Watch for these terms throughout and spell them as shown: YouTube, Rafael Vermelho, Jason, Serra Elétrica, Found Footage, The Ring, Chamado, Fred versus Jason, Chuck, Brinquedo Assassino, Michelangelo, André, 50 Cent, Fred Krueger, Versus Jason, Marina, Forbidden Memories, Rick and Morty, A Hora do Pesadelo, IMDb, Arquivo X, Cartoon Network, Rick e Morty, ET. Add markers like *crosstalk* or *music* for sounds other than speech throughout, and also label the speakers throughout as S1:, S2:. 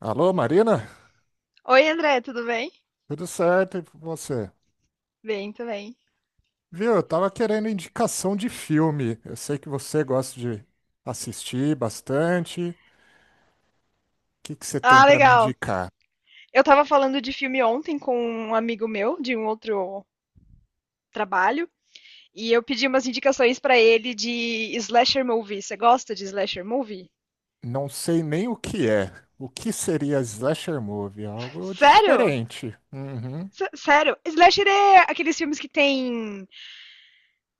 S1: Alô, Marina?
S2: Oi, André, tudo bem?
S1: Tudo certo e você?
S2: Bem, também.
S1: Viu, eu tava querendo indicação de filme. Eu sei que você gosta de assistir bastante. O que você tem
S2: Ah,
S1: pra me
S2: legal.
S1: indicar?
S2: Eu tava falando de filme ontem com um amigo meu de um outro trabalho e eu pedi umas indicações pra ele de slasher movie. Você gosta de slasher movie?
S1: Não sei nem o que é. O que seria slasher movie? Algo
S2: Sério?
S1: diferente. Uhum.
S2: Sério? Slasher é aqueles filmes que tem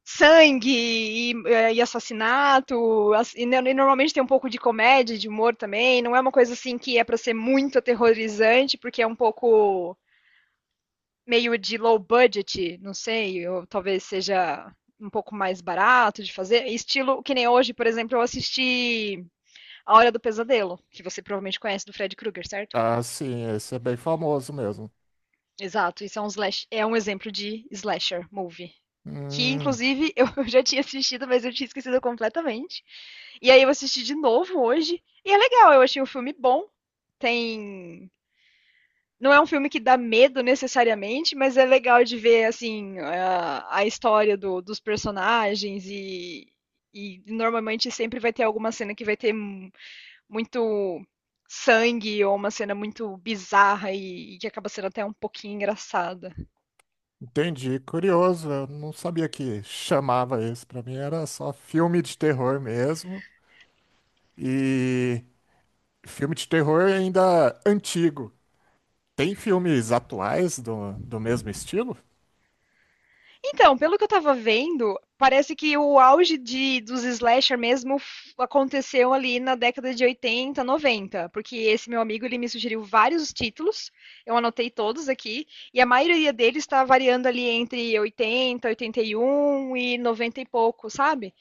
S2: sangue e assassinato, ass- e, no- e normalmente tem um pouco de comédia, de humor também. Não é uma coisa assim que é pra ser muito aterrorizante, porque é um pouco meio de low budget, não sei, ou talvez seja um pouco mais barato de fazer. Estilo que nem hoje, por exemplo, eu assisti A Hora do Pesadelo, que você provavelmente conhece do Fred Krueger, certo?
S1: Ah, sim, esse é bem famoso mesmo.
S2: Exato, isso é um exemplo de slasher movie. Que,
S1: Hum,
S2: inclusive, eu *laughs* já tinha assistido, mas eu tinha esquecido completamente. E aí eu assisti de novo hoje. E é legal, eu achei o filme bom. Tem Não é um filme que dá medo necessariamente, mas é legal de ver assim a história dos personagens e normalmente sempre vai ter alguma cena que vai ter muito sangue ou uma cena muito bizarra e que acaba sendo até um pouquinho engraçada.
S1: entendi. Curioso, eu não sabia que chamava isso. Pra mim era só filme de terror mesmo. E filme de terror ainda antigo. Tem filmes atuais do mesmo estilo?
S2: Então, pelo que eu tava vendo, parece que o auge dos slasher mesmo aconteceu ali na década de 80, 90, porque esse meu amigo ele me sugeriu vários títulos, eu anotei todos aqui, e a maioria deles está variando ali entre 80, 81 e 90 e noventa e pouco, sabe?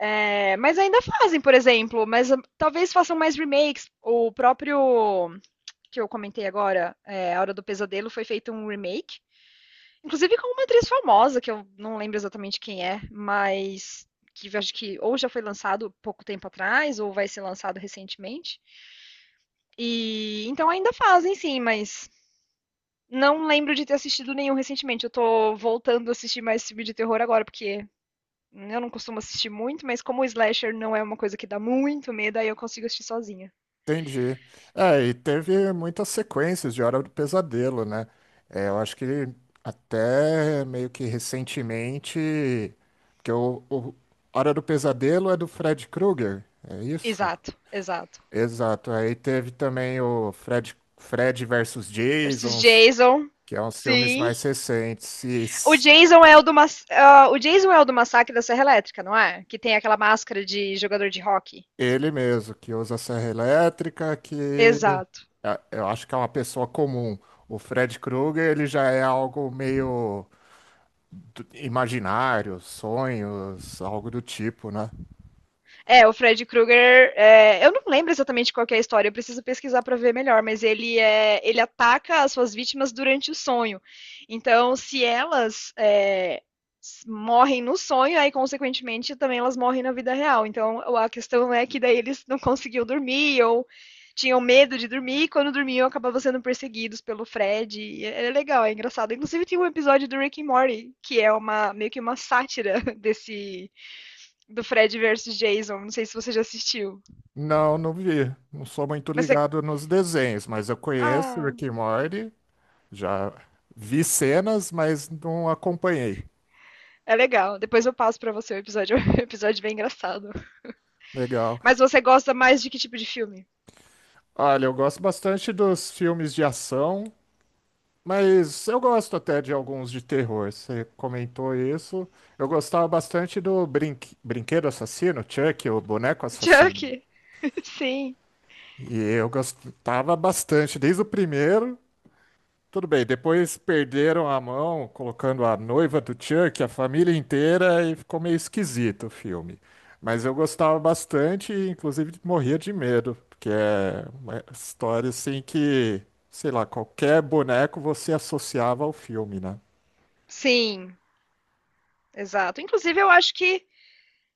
S2: É, mas ainda fazem, por exemplo, mas talvez façam mais remakes. O próprio que eu comentei agora, A Hora do Pesadelo, foi feito um remake. Inclusive com uma atriz famosa, que eu não lembro exatamente quem é, mas que eu acho que ou já foi lançado pouco tempo atrás, ou vai ser lançado recentemente. E então ainda fazem, sim, mas não lembro de ter assistido nenhum recentemente. Eu tô voltando a assistir mais filme de terror agora, porque eu não costumo assistir muito, mas como o slasher não é uma coisa que dá muito medo, aí eu consigo assistir sozinha.
S1: Entendi. É, e teve muitas sequências de Hora do Pesadelo, né? É, eu acho que até meio que recentemente, porque o Hora do Pesadelo é do Fred Krueger, é isso?
S2: Exato, exato.
S1: Exato. Aí teve também o Fred versus
S2: Versus
S1: Jason,
S2: Jason,
S1: que é uns filmes
S2: sim.
S1: mais recentes. E
S2: O Jason é o do massacre da Serra Elétrica, não é? Que tem aquela máscara de jogador de rock.
S1: ele mesmo, que usa serra elétrica, que
S2: Exato.
S1: eu acho que é uma pessoa comum. O Fred Krueger, ele já é algo meio imaginário, sonhos, algo do tipo, né?
S2: É, o Fred Krueger, eu não lembro exatamente qual que é a história, eu preciso pesquisar para ver melhor, mas ele ataca as suas vítimas durante o sonho. Então, se elas morrem no sonho, aí consequentemente também elas morrem na vida real. Então, a questão é que daí eles não conseguiam dormir ou tinham medo de dormir e quando dormiam acabavam sendo perseguidos pelo Fred. É legal, é engraçado. Inclusive tem um episódio do Rick and Morty que é uma meio que uma sátira *laughs* desse do Fred versus Jason. Não sei se você já assistiu.
S1: Não, não vi. Não sou muito
S2: Mas é.
S1: ligado nos desenhos, mas eu conheço
S2: Ah,
S1: Rick e Morty, já vi cenas, mas não acompanhei.
S2: é legal. Depois eu passo pra você o episódio. *laughs* É um episódio bem engraçado.
S1: Legal.
S2: Mas você gosta mais de que tipo de filme?
S1: Olha, eu gosto bastante dos filmes de ação. Mas eu gosto até de alguns de terror. Você comentou isso. Eu gostava bastante do Brinquedo Assassino, Chuck, o Boneco
S2: *laughs* Chuck.
S1: Assassino.
S2: Sim.
S1: E eu gostava bastante, desde o primeiro. Tudo bem, depois perderam a mão, colocando a noiva do Chuck, a família inteira, e ficou meio esquisito o filme. Mas eu gostava bastante e, inclusive, morria de medo, porque é uma história assim que, sei lá, qualquer boneco você associava ao filme, né?
S2: Sim, exato. Inclusive, eu acho que.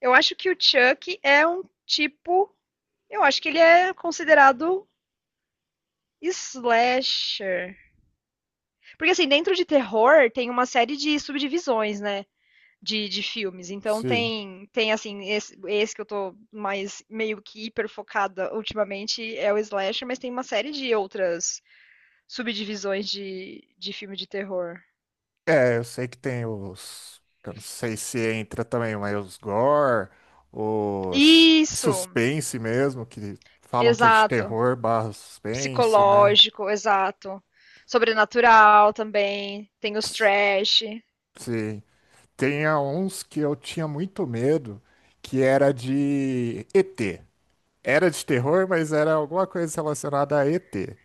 S2: Eu acho que o Chuck é um tipo. Eu acho que ele é considerado slasher. Porque assim, dentro de terror tem uma série de subdivisões, né? de filmes. Então
S1: Sim.
S2: tem assim, esse que eu tô mais meio que hiper focada ultimamente é o slasher, mas tem uma série de outras subdivisões de filme de terror.
S1: É, eu sei que tem os. Eu não sei se entra também, mas os gore, os
S2: Isso,
S1: suspense mesmo, que falam que é de
S2: exato.
S1: terror barra suspense, né?
S2: Psicológico, exato. Sobrenatural também, tem os trash,
S1: Sim. Tem uns que eu tinha muito medo, que era de ET. Era de terror, mas era alguma coisa relacionada a ET.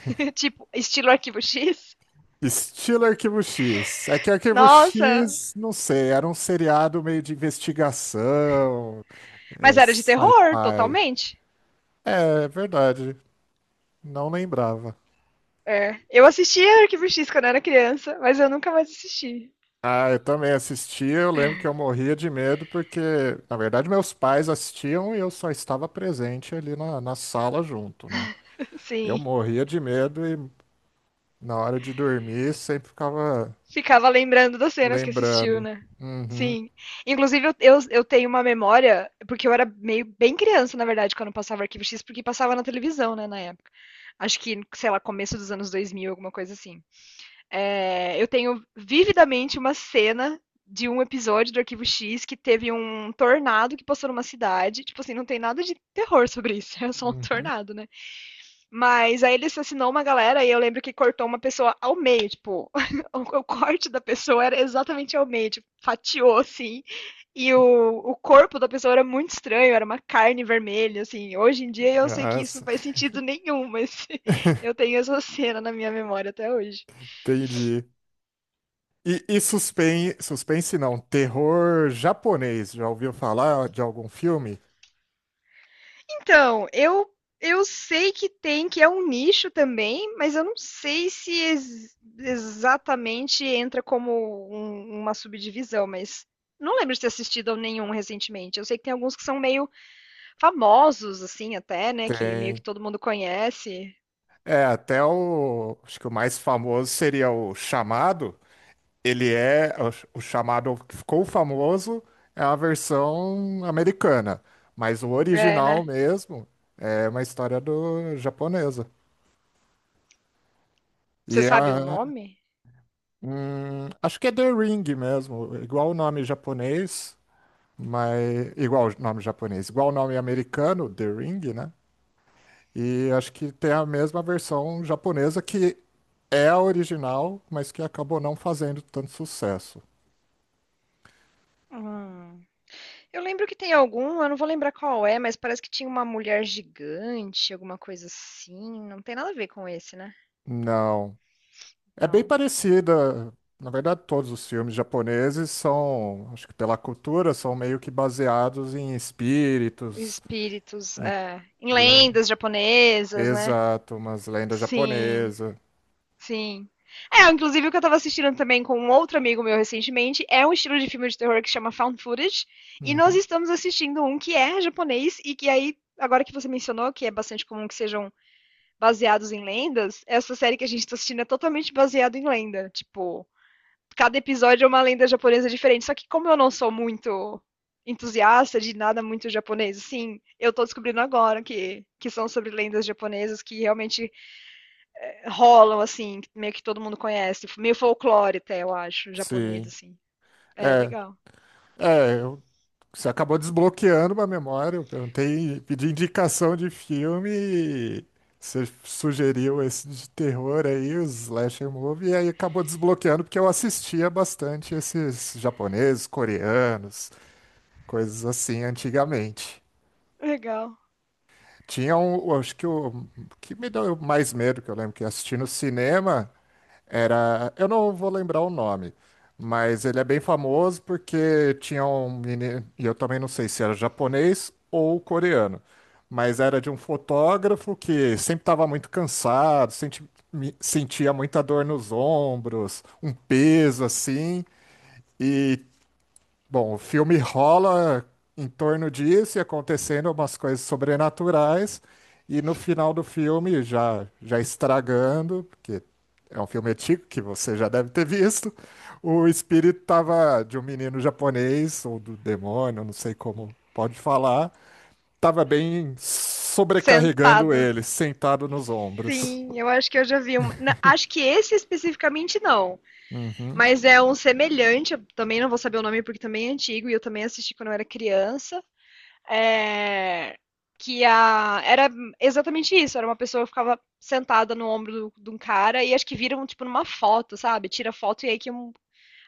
S2: *laughs* tipo, estilo Arquivo X.
S1: Estilo Arquivo X. É que Arquivo
S2: Nossa,
S1: X, não sei, era um seriado meio de investigação,
S2: mas
S1: é,
S2: era de terror,
S1: sci-fi.
S2: totalmente.
S1: É, é verdade. Não lembrava.
S2: É, eu assistia Arquivo X quando eu era criança, mas eu nunca mais assisti.
S1: Ah, eu também assistia. Eu lembro que eu morria de medo porque, na verdade, meus pais assistiam e eu só estava presente ali na sala junto, né?
S2: *laughs*
S1: Eu
S2: Sim.
S1: morria de medo e na hora de dormir sempre ficava
S2: Ficava lembrando das cenas que assistiu,
S1: lembrando.
S2: né?
S1: Uhum,
S2: Sim. Inclusive, eu tenho uma memória, porque eu era meio bem criança, na verdade, quando passava Arquivo X, porque passava na televisão, né, na época. Acho que, sei lá, começo dos anos 2000 alguma coisa assim. É, eu tenho vividamente uma cena de um episódio do Arquivo X que teve um tornado que passou numa cidade. Tipo assim, não tem nada de terror sobre isso, *laughs* é só um
S1: uhum.
S2: tornado, né? Mas aí ele assassinou uma galera e eu lembro que cortou uma pessoa ao meio, tipo, *laughs* o corte da pessoa era exatamente ao meio, tipo, fatiou assim. E o corpo da pessoa era muito estranho, era uma carne vermelha, assim. Hoje em dia eu sei que isso não
S1: Nossa.
S2: faz sentido nenhum, mas *laughs* eu
S1: *laughs*
S2: tenho essa cena na minha memória até hoje.
S1: Entendi. E suspense, suspense não, terror japonês. Já ouviu falar de algum filme?
S2: Então, eu sei que tem, que é um nicho também, mas eu não sei se exatamente entra como uma subdivisão, mas não lembro de ter assistido a nenhum recentemente. Eu sei que tem alguns que são meio famosos, assim, até, né? Que meio que
S1: Tem.
S2: todo mundo conhece.
S1: É, até o. Acho que o mais famoso seria o Chamado. Ele é. O Chamado que ficou famoso é a versão americana. Mas o
S2: É,
S1: original
S2: né?
S1: mesmo é uma história do japonesa. E
S2: Você
S1: é.
S2: sabe o nome?
S1: Hum, acho que é The Ring mesmo. Igual o nome japonês, mas. Igual o nome japonês. Igual o nome americano, The Ring, né? E acho que tem a mesma versão japonesa que é a original, mas que acabou não fazendo tanto sucesso.
S2: Hum. Eu lembro que tem algum, eu não vou lembrar qual é, mas parece que tinha uma mulher gigante, alguma coisa assim. Não tem nada a ver com esse, né?
S1: Não. É bem
S2: Não.
S1: parecida. Na verdade, todos os filmes japoneses são, acho que pela cultura, são meio que baseados em espíritos,
S2: Espíritos
S1: em-
S2: em
S1: em um-
S2: lendas japonesas, né?
S1: exato, umas lendas
S2: Sim,
S1: japonesas.
S2: sim. É, inclusive o que eu tava assistindo também com um outro amigo meu recentemente é um estilo de filme de terror que chama Found Footage. E nós
S1: Uhum.
S2: estamos assistindo um que é japonês e que aí, agora que você mencionou, que é bastante comum que sejam baseados em lendas, essa série que a gente tá assistindo é totalmente baseada em lenda. Tipo, cada episódio é uma lenda japonesa diferente. Só que como eu não sou muito entusiasta de nada muito japonês, assim, eu tô descobrindo agora que são sobre lendas japonesas que realmente rolam, assim, meio que todo mundo conhece. Meio folclore até, eu acho, japonês,
S1: Sim.
S2: assim. É,
S1: É,
S2: legal.
S1: é, você acabou desbloqueando uma memória. Eu perguntei, pedi indicação de filme e você sugeriu esse de terror aí, o slasher movie, e aí acabou desbloqueando porque eu assistia bastante esses japoneses, coreanos, coisas assim antigamente.
S2: Legal.
S1: Tinha um, eu acho que o que me deu mais medo, que eu lembro que eu assisti no cinema, era, eu não vou lembrar o nome, mas ele é bem famoso porque tinha um menino, e eu também não sei se era japonês ou coreano, mas era de um fotógrafo que sempre estava muito cansado, sentia muita dor nos ombros, um peso assim, e bom, o filme rola em torno disso e acontecendo umas coisas sobrenaturais, e no final do filme, já, já estragando, porque é um filme antigo que você já deve ter visto, o espírito tava de um menino japonês, ou do demônio, não sei como pode falar, tava bem sobrecarregando
S2: Sentado.
S1: ele, sentado nos ombros.
S2: Sim, eu acho que eu já vi um. Acho que esse especificamente não.
S1: Uhum.
S2: Mas é um semelhante. Eu também não vou saber o nome porque também é antigo e eu também assisti quando eu era criança. É, que era exatamente isso, era uma pessoa que ficava sentada no ombro de um cara e acho que viram, tipo, numa foto, sabe? Tira foto e aí que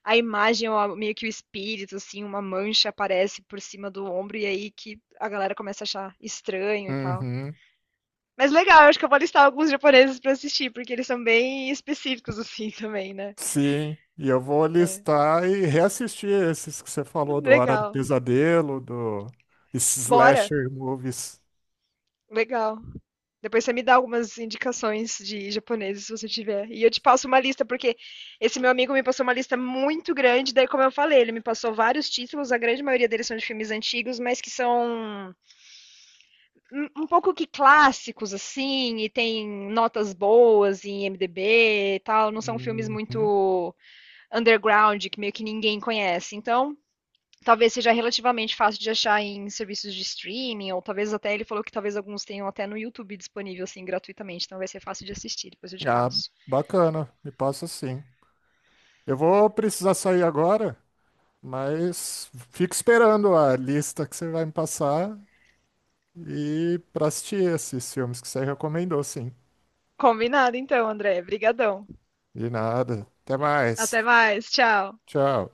S2: a imagem, meio que o espírito, assim, uma mancha aparece por cima do ombro e aí que a galera começa a achar estranho e tal.
S1: Uhum.
S2: Mas legal, eu acho que eu vou listar alguns japoneses pra assistir, porque eles são bem específicos, *laughs* assim, também, né?
S1: Sim, e eu vou listar e reassistir esses que você falou do Hora do
S2: Legal.
S1: Pesadelo, do esses
S2: Bora!
S1: slasher movies.
S2: Legal. Depois você me dá algumas indicações de japoneses, se você tiver. E eu te passo uma lista, porque esse meu amigo me passou uma lista muito grande. Daí, como eu falei, ele me passou vários títulos. A grande maioria deles são de filmes antigos, mas que são um pouco que clássicos, assim. E tem notas boas em IMDb e tal. Não são filmes
S1: Uhum.
S2: muito underground, que meio que ninguém conhece. Então, talvez seja relativamente fácil de achar em serviços de streaming, ou talvez até ele falou que talvez alguns tenham até no YouTube disponível assim gratuitamente, então vai ser fácil de assistir, depois eu te
S1: Ah,
S2: passo.
S1: bacana, me passa sim. Eu vou precisar sair agora, mas fico esperando a lista que você vai me passar e para assistir esses filmes que você recomendou, sim.
S2: Combinado então, André. Obrigadão.
S1: De nada. Até mais.
S2: Até mais, tchau.
S1: Tchau.